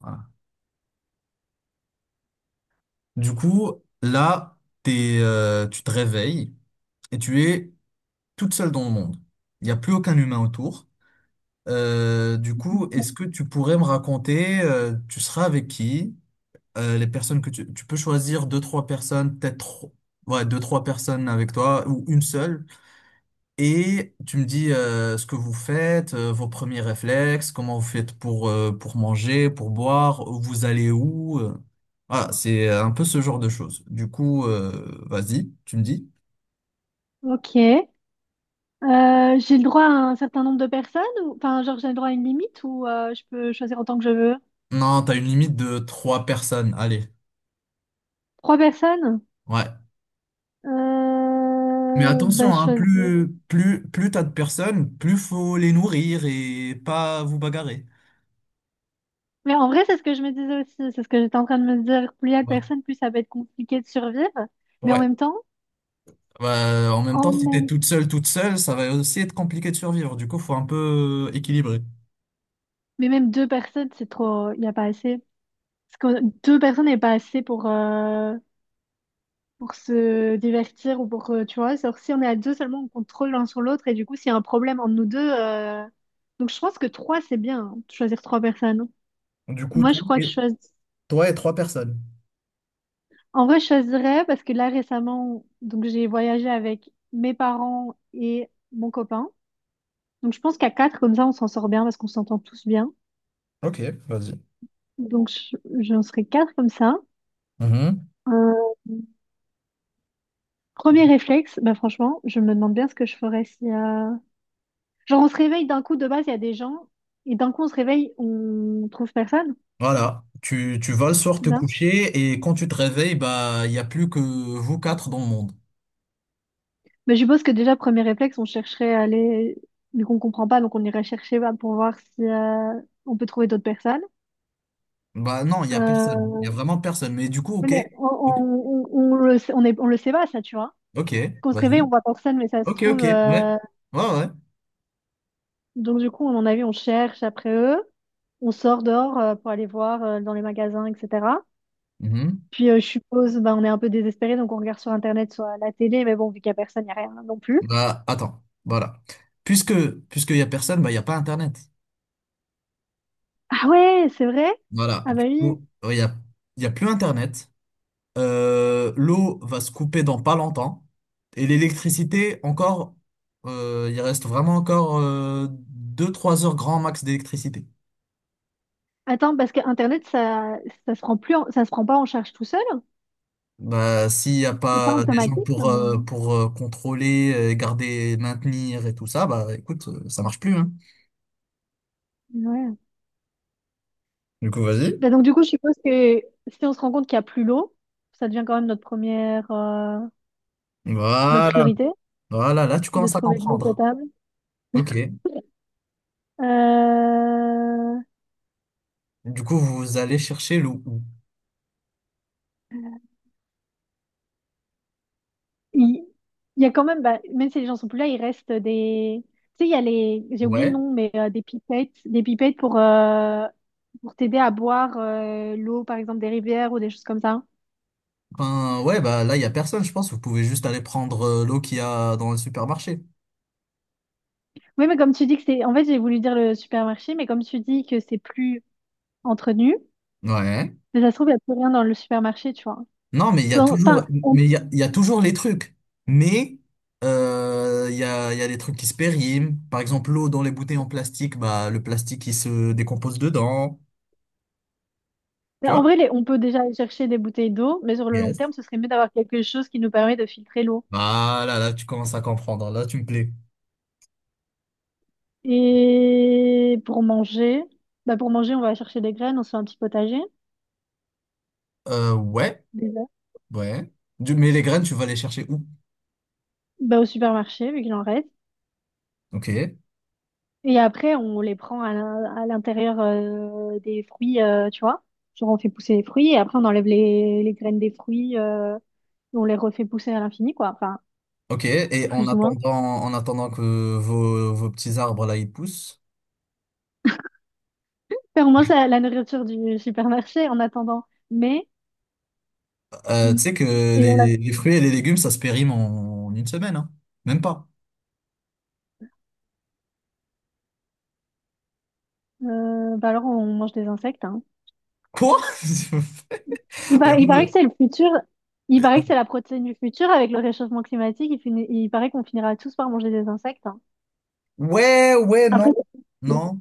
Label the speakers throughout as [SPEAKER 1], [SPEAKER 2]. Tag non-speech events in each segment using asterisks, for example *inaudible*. [SPEAKER 1] Voilà. Du coup, là, tu te réveilles et tu es toute seule dans le monde. Il n'y a plus aucun humain autour. Du coup, est-ce que tu pourrais me raconter, tu seras avec qui? Les personnes que tu peux choisir deux, trois personnes, peut-être, ouais, deux, trois personnes avec toi ou une seule. Et tu me dis ce que vous faites, vos premiers réflexes, comment vous faites pour manger, pour boire, vous allez où? Voilà, c'est un peu ce genre de choses. Du coup, vas-y, tu me dis.
[SPEAKER 2] Ok. J'ai le droit à un certain nombre de personnes, j'ai le droit à une limite ou je peux choisir autant que je veux.
[SPEAKER 1] Non, t'as une limite de trois personnes. Allez,
[SPEAKER 2] Trois personnes?
[SPEAKER 1] ouais. Mais
[SPEAKER 2] Euh, ben,
[SPEAKER 1] attention,
[SPEAKER 2] je
[SPEAKER 1] hein,
[SPEAKER 2] choisis-
[SPEAKER 1] plus t'as de personnes, plus faut les nourrir et pas vous bagarrer.
[SPEAKER 2] Mais en vrai, c'est ce que je me disais aussi, c'est ce que j'étais en train de me dire. Plus il y a de
[SPEAKER 1] Ouais.
[SPEAKER 2] personnes, plus ça va être compliqué de survivre. Mais en
[SPEAKER 1] Ouais.
[SPEAKER 2] même temps,
[SPEAKER 1] Bah, en même temps,
[SPEAKER 2] en
[SPEAKER 1] si t'es
[SPEAKER 2] même,
[SPEAKER 1] toute seule, ça va aussi être compliqué de survivre. Du coup, faut un peu équilibrer.
[SPEAKER 2] mais même deux personnes, c'est trop, il n'y a pas assez. Parce que deux personnes n'est pas assez pour se divertir ou pour, tu vois, alors si on est à deux seulement, on compte trop l'un sur l'autre et du coup, s'il y a un problème entre nous deux, donc je pense que trois, c'est bien, hein, de choisir trois personnes, hein.
[SPEAKER 1] Du coup,
[SPEAKER 2] Moi,
[SPEAKER 1] toi,
[SPEAKER 2] je crois que je choisis,
[SPEAKER 1] Toi et trois personnes.
[SPEAKER 2] en vrai, je choisirais parce que là, récemment, donc j'ai voyagé avec mes parents et mon copain. Donc je pense qu'à quatre, comme ça, on s'en sort bien parce qu'on s'entend tous bien.
[SPEAKER 1] Ok, vas-y.
[SPEAKER 2] J'en serais quatre comme ça.
[SPEAKER 1] Mhm.
[SPEAKER 2] Euh, Premier réflexe, bah franchement, je me demande bien ce que je ferais si, genre, on se réveille d'un coup, de base, il y a des gens, et d'un coup, on se réveille, on trouve personne,
[SPEAKER 1] Voilà. Tu vas le soir te
[SPEAKER 2] c'est ça?
[SPEAKER 1] coucher et quand tu te réveilles, bah, il n'y a plus que vous quatre dans le monde.
[SPEAKER 2] Mais je suppose que déjà, premier réflexe, on chercherait à aller, mais qu'on comprend pas, donc on irait chercher bah, pour voir si on peut trouver d'autres personnes.
[SPEAKER 1] Bah non, il n'y a
[SPEAKER 2] Euh,
[SPEAKER 1] personne. Il n'y a vraiment personne. Mais du coup, ok.
[SPEAKER 2] mais on,
[SPEAKER 1] Ok,
[SPEAKER 2] on le sait, on le sait pas, ça, tu vois.
[SPEAKER 1] ok,
[SPEAKER 2] Qu'on se réveille,
[SPEAKER 1] vas-y.
[SPEAKER 2] on voit personne, mais ça se
[SPEAKER 1] Ok,
[SPEAKER 2] trouve.
[SPEAKER 1] ok, ouais. Ouais, ouais.
[SPEAKER 2] Donc, du coup, à mon avis, on cherche après eux, on sort dehors pour aller voir dans les magasins, etc.
[SPEAKER 1] Mhm.
[SPEAKER 2] Puis je suppose, bah, on est un peu désespéré, donc on regarde sur Internet, soit à la télé, mais bon, vu qu'il n'y a personne, il n'y a rien non plus.
[SPEAKER 1] Bah, attends. Voilà. Puisque, puisqu'il n'y a personne, bah, il n'y a pas Internet.
[SPEAKER 2] Ah ouais, c'est vrai?
[SPEAKER 1] Voilà.
[SPEAKER 2] Ah bah
[SPEAKER 1] Du
[SPEAKER 2] oui.
[SPEAKER 1] coup, ouais, il y a plus Internet. L'eau va se couper dans pas longtemps. Et l'électricité, encore, il reste vraiment encore deux trois heures grand max d'électricité.
[SPEAKER 2] Attends, parce que Internet, ça se prend plus en- ça se prend pas en charge tout seul.
[SPEAKER 1] Bah, s'il n'y a
[SPEAKER 2] C'est pas
[SPEAKER 1] pas des gens
[SPEAKER 2] automatique
[SPEAKER 1] pour,
[SPEAKER 2] maintenant.
[SPEAKER 1] contrôler, garder, maintenir et tout ça, bah écoute, ça marche plus, hein.
[SPEAKER 2] Ouais.
[SPEAKER 1] Du coup, vas-y.
[SPEAKER 2] Bah, donc du coup, je suppose que si on se rend compte qu'il n'y a plus l'eau, ça devient quand même notre première, notre
[SPEAKER 1] Voilà.
[SPEAKER 2] priorité
[SPEAKER 1] Voilà, là, tu
[SPEAKER 2] de
[SPEAKER 1] commences à
[SPEAKER 2] trouver de l'eau
[SPEAKER 1] comprendre.
[SPEAKER 2] potable.
[SPEAKER 1] Ok.
[SPEAKER 2] Euh,
[SPEAKER 1] Du coup, vous allez chercher l'eau où
[SPEAKER 2] il- Il y a quand même, bah, même si les gens sont plus là, il reste des. Tu sais, il y a les. J'ai oublié le
[SPEAKER 1] Ouais.
[SPEAKER 2] nom, mais des pipettes. Des pipettes pour t'aider à boire l'eau, par exemple, des rivières ou des choses comme ça.
[SPEAKER 1] Ben ouais, bah là, il n'y a personne, je pense. Vous pouvez juste aller prendre l'eau qu'il y a dans le supermarché.
[SPEAKER 2] Oui, mais comme tu dis que c'est. En fait, j'ai voulu dire le supermarché, mais comme tu dis que c'est plus entretenu,
[SPEAKER 1] Ouais.
[SPEAKER 2] mais ça se trouve, il n'y a plus rien dans le supermarché, tu vois.
[SPEAKER 1] Non, mais il y a
[SPEAKER 2] Dans-
[SPEAKER 1] toujours,
[SPEAKER 2] Enfin, on-
[SPEAKER 1] mais il y a toujours les trucs. Mais il y a des trucs qui se périment. Par exemple, l'eau dans les bouteilles en plastique, bah, le plastique, il se décompose dedans. Tu
[SPEAKER 2] En
[SPEAKER 1] vois?
[SPEAKER 2] vrai, on peut déjà aller chercher des bouteilles d'eau, mais sur le long
[SPEAKER 1] Yes.
[SPEAKER 2] terme, ce serait mieux d'avoir quelque chose qui nous permet de filtrer l'eau.
[SPEAKER 1] Bah là, là, tu commences à comprendre. Là, tu me plais.
[SPEAKER 2] Et pour manger, bah pour manger, on va chercher des graines, on se fait un petit potager.
[SPEAKER 1] Ouais,
[SPEAKER 2] Déjà?
[SPEAKER 1] ouais. Mais les graines, tu vas les chercher où?
[SPEAKER 2] Bah, au supermarché, vu qu'il en reste.
[SPEAKER 1] Ok,
[SPEAKER 2] Et après, on les prend à l'intérieur des fruits, tu vois. Genre, on fait pousser les fruits et après, on enlève les graines des fruits et on les refait pousser à l'infini, quoi. Enfin,
[SPEAKER 1] ok. Et en
[SPEAKER 2] plus ou moins.
[SPEAKER 1] attendant, en attendant que vos petits arbres, là, ils poussent,
[SPEAKER 2] Enfin, au moins, c'est la nourriture du supermarché en attendant. Mais,
[SPEAKER 1] tu sais que
[SPEAKER 2] et on l'a,
[SPEAKER 1] les fruits et les légumes, ça se périme en une semaine, hein. Même pas.
[SPEAKER 2] Bah alors, on mange des insectes, hein.
[SPEAKER 1] Quoi? *laughs* Y a pas
[SPEAKER 2] Il paraît
[SPEAKER 1] de-
[SPEAKER 2] que c'est le futur. Il paraît que c'est la protéine du futur avec le réchauffement climatique. Il, il paraît qu'on finira tous par manger des insectes, hein.
[SPEAKER 1] Ouais, ouais, non,
[SPEAKER 2] Après,
[SPEAKER 1] non.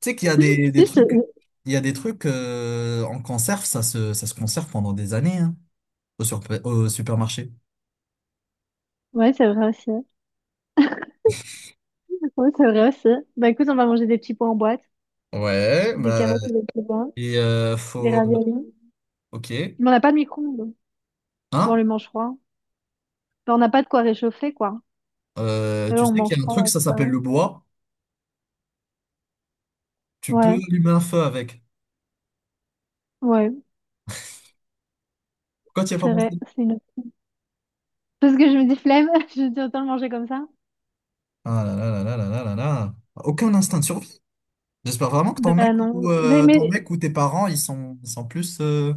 [SPEAKER 1] Tu sais qu'il y a des
[SPEAKER 2] si, je
[SPEAKER 1] trucs, il y a des trucs en conserve, ça se conserve pendant des années, hein, au supermarché.
[SPEAKER 2] Ouais, c'est vrai aussi. Oui, c'est vrai aussi. Bah écoute, on va manger des petits pois en boîte,
[SPEAKER 1] Ouais,
[SPEAKER 2] des
[SPEAKER 1] bah,
[SPEAKER 2] carottes et des petits pois,
[SPEAKER 1] et
[SPEAKER 2] des
[SPEAKER 1] faut,
[SPEAKER 2] raviolis.
[SPEAKER 1] ok,
[SPEAKER 2] Mais on n'a pas de micro-ondes. Bon, on
[SPEAKER 1] hein?
[SPEAKER 2] les mange froid. Bah, on n'a pas de quoi réchauffer, quoi. Eux,
[SPEAKER 1] Tu
[SPEAKER 2] on
[SPEAKER 1] sais qu'il
[SPEAKER 2] mange
[SPEAKER 1] y a un
[SPEAKER 2] pas.
[SPEAKER 1] truc, ça
[SPEAKER 2] Ça
[SPEAKER 1] s'appelle
[SPEAKER 2] va.
[SPEAKER 1] le bois. Tu peux
[SPEAKER 2] Ouais,
[SPEAKER 1] allumer un feu avec.
[SPEAKER 2] ouais,
[SPEAKER 1] Pourquoi tu n'y as pas
[SPEAKER 2] c'est vrai.
[SPEAKER 1] pensé?
[SPEAKER 2] C'est une... Parce que je me dis flemme, *laughs* je me dis autant le manger comme ça.
[SPEAKER 1] Ah là là là là là là là là. Aucun instinct de survie. J'espère vraiment que ton mec
[SPEAKER 2] Ben non.
[SPEAKER 1] ou euh, ton mec ou tes parents, ils sont plus.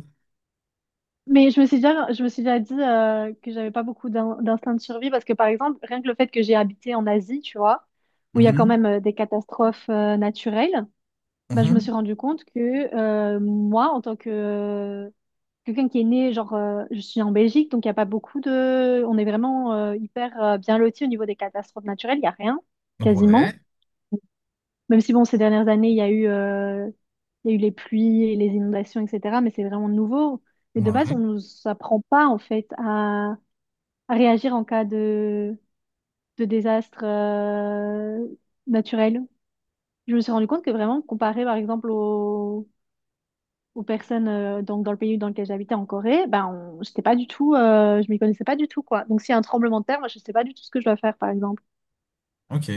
[SPEAKER 2] Mais je me suis déjà, je me suis déjà dit que j'avais pas beaucoup d'instinct de survie parce que par exemple, rien que le fait que j'ai habité en Asie, tu vois, où il y a quand
[SPEAKER 1] Mhm,
[SPEAKER 2] même des catastrophes naturelles. Bah, je me suis
[SPEAKER 1] mhm.
[SPEAKER 2] rendu compte que moi, en tant que quelqu'un qui est né, genre, je suis en Belgique, donc il n'y a pas beaucoup de... On est vraiment hyper bien lotis au niveau des catastrophes naturelles, il n'y a rien,
[SPEAKER 1] Ouais.
[SPEAKER 2] quasiment. Même si, bon, ces dernières années, il y a eu, il y a eu les pluies et les inondations, etc. Mais c'est vraiment nouveau. Et de base,
[SPEAKER 1] Ouais.
[SPEAKER 2] on ne nous apprend pas, en fait, à réagir en cas de désastre naturel. Je me suis rendu compte que vraiment, comparé, par exemple, au aux personnes donc dans le pays dans lequel j'habitais en Corée, ben on, j'étais pas du tout, je m'y connaissais pas du tout quoi. Donc s'il y a un tremblement de terre, moi je sais pas du tout ce que je dois faire par exemple.
[SPEAKER 1] Ok.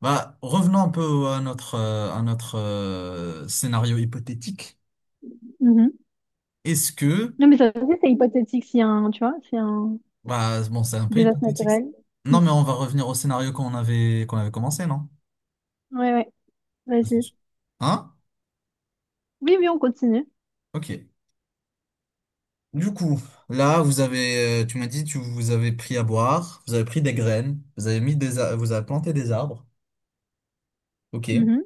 [SPEAKER 1] Bah, revenons un peu à notre scénario hypothétique.
[SPEAKER 2] Mhm.
[SPEAKER 1] Est-ce que,
[SPEAKER 2] Non mais ça aussi c'est hypothétique s'il y a un, tu vois, s'il y a un
[SPEAKER 1] bah, bon, c'est un peu
[SPEAKER 2] désastre
[SPEAKER 1] hypothétique.
[SPEAKER 2] naturel.
[SPEAKER 1] Non,
[SPEAKER 2] Mhm.
[SPEAKER 1] mais on va revenir au scénario qu'on avait commencé, non?
[SPEAKER 2] Ouais ouais, vas-y.
[SPEAKER 1] Hein?
[SPEAKER 2] Oui oui on continue.
[SPEAKER 1] Ok. Du coup, là, tu m'as dit, tu vous avez pris à boire, vous avez pris des graines, vous avez mis vous avez planté des arbres. Ok.
[SPEAKER 2] Mhm.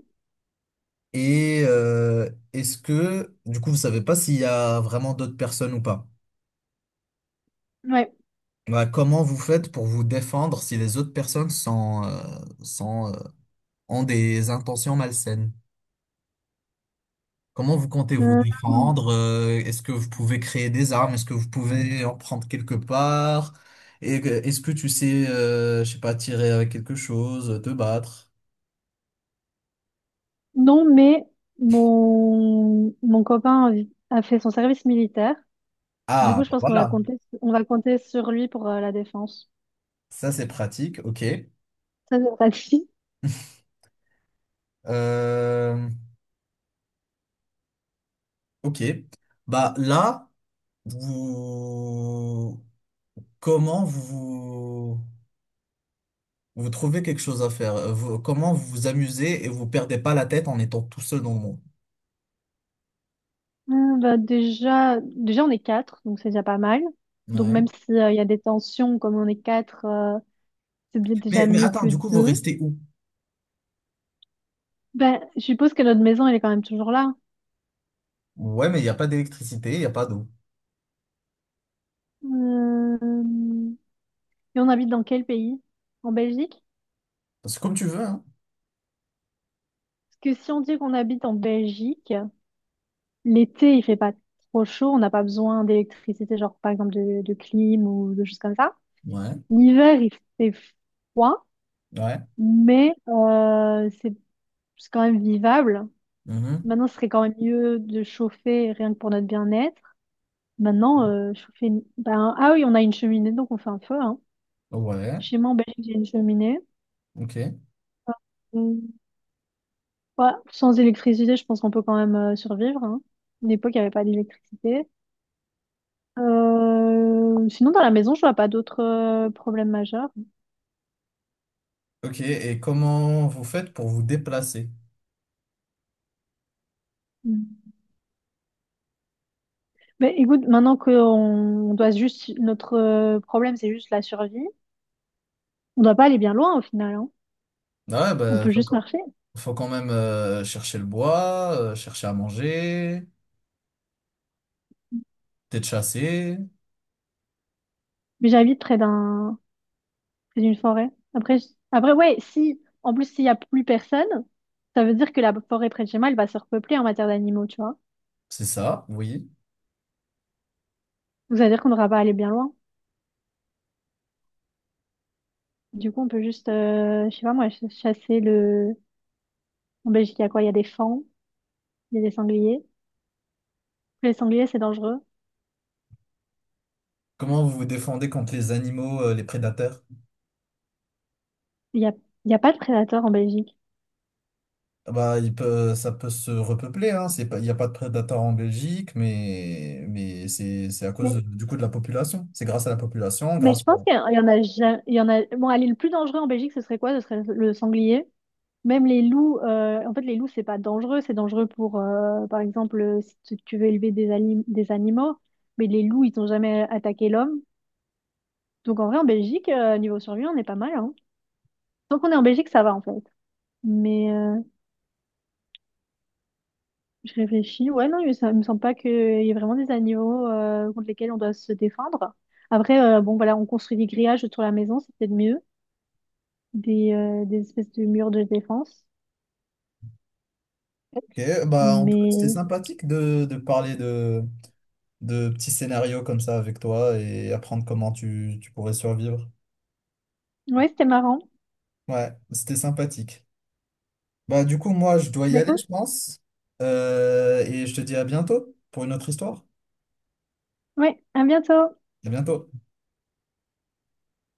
[SPEAKER 1] Et est-ce que, du coup, vous savez pas s'il y a vraiment d'autres personnes ou pas?
[SPEAKER 2] Ouais.
[SPEAKER 1] Bah, comment vous faites pour vous défendre si les autres personnes ont des intentions malsaines? Comment vous comptez vous
[SPEAKER 2] Euh,
[SPEAKER 1] défendre? Est-ce que vous pouvez créer des armes? Est-ce que vous pouvez en prendre quelque part? Est-ce que tu sais, je sais pas, tirer avec quelque chose, te battre?
[SPEAKER 2] non mais mon copain a fait son service militaire. Du
[SPEAKER 1] Ah,
[SPEAKER 2] coup je
[SPEAKER 1] bah
[SPEAKER 2] pense qu'on va
[SPEAKER 1] voilà,
[SPEAKER 2] compter on va compter sur lui pour la défense.
[SPEAKER 1] ça c'est pratique, ok.
[SPEAKER 2] Ça c'est pratique.
[SPEAKER 1] Euh, ok. Bah là, vous... comment vous... Vous trouvez quelque chose à faire. Comment vous vous amusez et vous perdez pas la tête en étant tout seul dans le monde.
[SPEAKER 2] Bah, déjà, on est quatre, donc c'est déjà pas mal. Donc
[SPEAKER 1] Ouais.
[SPEAKER 2] même s'il y a des tensions, comme on est quatre, c'est bien
[SPEAKER 1] Mais,
[SPEAKER 2] déjà
[SPEAKER 1] mais
[SPEAKER 2] mieux
[SPEAKER 1] attends,
[SPEAKER 2] que
[SPEAKER 1] du coup, vous
[SPEAKER 2] deux.
[SPEAKER 1] restez où?
[SPEAKER 2] Ben, je suppose que notre maison, elle est quand même toujours là.
[SPEAKER 1] Ouais, mais il n'y a pas d'électricité, il n'y a pas d'eau.
[SPEAKER 2] Euh, Et on habite dans quel pays? En Belgique?
[SPEAKER 1] C'est comme tu veux, hein.
[SPEAKER 2] Parce que si on dit qu'on habite en Belgique, l'été, il fait pas trop chaud, on n'a pas besoin d'électricité, genre par exemple de clim ou de choses comme ça.
[SPEAKER 1] Ouais.
[SPEAKER 2] L'hiver, il fait froid,
[SPEAKER 1] Ouais.
[SPEAKER 2] mais c'est quand même vivable.
[SPEAKER 1] Mhm.
[SPEAKER 2] Maintenant, ce serait quand même mieux de chauffer rien que pour notre bien-être. Maintenant, Ben, ah oui, on a une cheminée, donc on fait un feu, hein.
[SPEAKER 1] Ouais.
[SPEAKER 2] Chez moi en Belgique, j'ai une cheminée.
[SPEAKER 1] Ok.
[SPEAKER 2] Mm. Ouais, sans électricité, je pense qu'on peut quand même survivre, hein. À l'époque, il n'y avait pas d'électricité. Sinon, dans la maison, je vois pas d'autres problèmes majeurs.
[SPEAKER 1] Ok. Et comment vous faites pour vous déplacer?
[SPEAKER 2] Mm. Mais écoute, maintenant qu'on on doit juste. Notre problème, c'est juste la survie. On doit pas aller bien loin au final, hein.
[SPEAKER 1] Ah ouais,
[SPEAKER 2] On
[SPEAKER 1] bah,
[SPEAKER 2] peut juste marcher.
[SPEAKER 1] faut quand même chercher le bois, chercher à manger, peut-être chasser.
[SPEAKER 2] Mais j'habite près d'un C'est une forêt. Après, ouais, si, en plus, s'il y a plus personne, ça veut dire que la forêt près de chez moi, elle va se repeupler en matière d'animaux, tu vois.
[SPEAKER 1] C'est ça, oui.
[SPEAKER 2] Donc, ça veut dire qu'on n'aura pas à aller bien loin. Du coup, on peut juste, je sais pas moi, chasser le... En Belgique, il y a quoi? Il y a des fans, il y a des sangliers. Les sangliers, c'est dangereux.
[SPEAKER 1] Comment vous vous défendez contre les animaux, les prédateurs?
[SPEAKER 2] Il y a, il y a pas de prédateurs en Belgique.
[SPEAKER 1] Bah, ça peut se repeupler, hein. C'est pas, il n'y a pas de prédateurs en Belgique, mais c'est à cause
[SPEAKER 2] Mais,
[SPEAKER 1] du coup de la population. C'est grâce à la population,
[SPEAKER 2] mais
[SPEAKER 1] grâce
[SPEAKER 2] je
[SPEAKER 1] à.
[SPEAKER 2] pense qu'il y en a, il y en a... Bon, allez, le plus dangereux en Belgique, ce serait quoi? Ce serait le sanglier. Même les loups, en fait, les loups, c'est pas dangereux. C'est dangereux pour, par exemple, si tu tu veux élever des, des animaux. Mais les loups, ils n'ont jamais attaqué l'homme. Donc, en vrai, en Belgique, niveau survie, on est pas mal, hein. Tant qu'on est en Belgique, ça va, en fait. Mais je réfléchis. Ouais, non, ça me semble pas qu'il y ait vraiment des animaux contre lesquels on doit se défendre. Après, bon, voilà, on construit des grillages autour de la maison, c'est peut-être mieux. Des espèces de murs de défense.
[SPEAKER 1] Ok, bah, en tout cas, c'était
[SPEAKER 2] Mais
[SPEAKER 1] sympathique de parler de petits scénarios comme ça avec toi et apprendre comment tu pourrais survivre.
[SPEAKER 2] ouais, c'était marrant.
[SPEAKER 1] Ouais, c'était sympathique. Bah, du coup, moi, je dois y
[SPEAKER 2] Bah,
[SPEAKER 1] aller,
[SPEAKER 2] écoute,
[SPEAKER 1] je pense. Et je te dis à bientôt pour une autre histoire.
[SPEAKER 2] ouais, à bientôt!
[SPEAKER 1] À bientôt.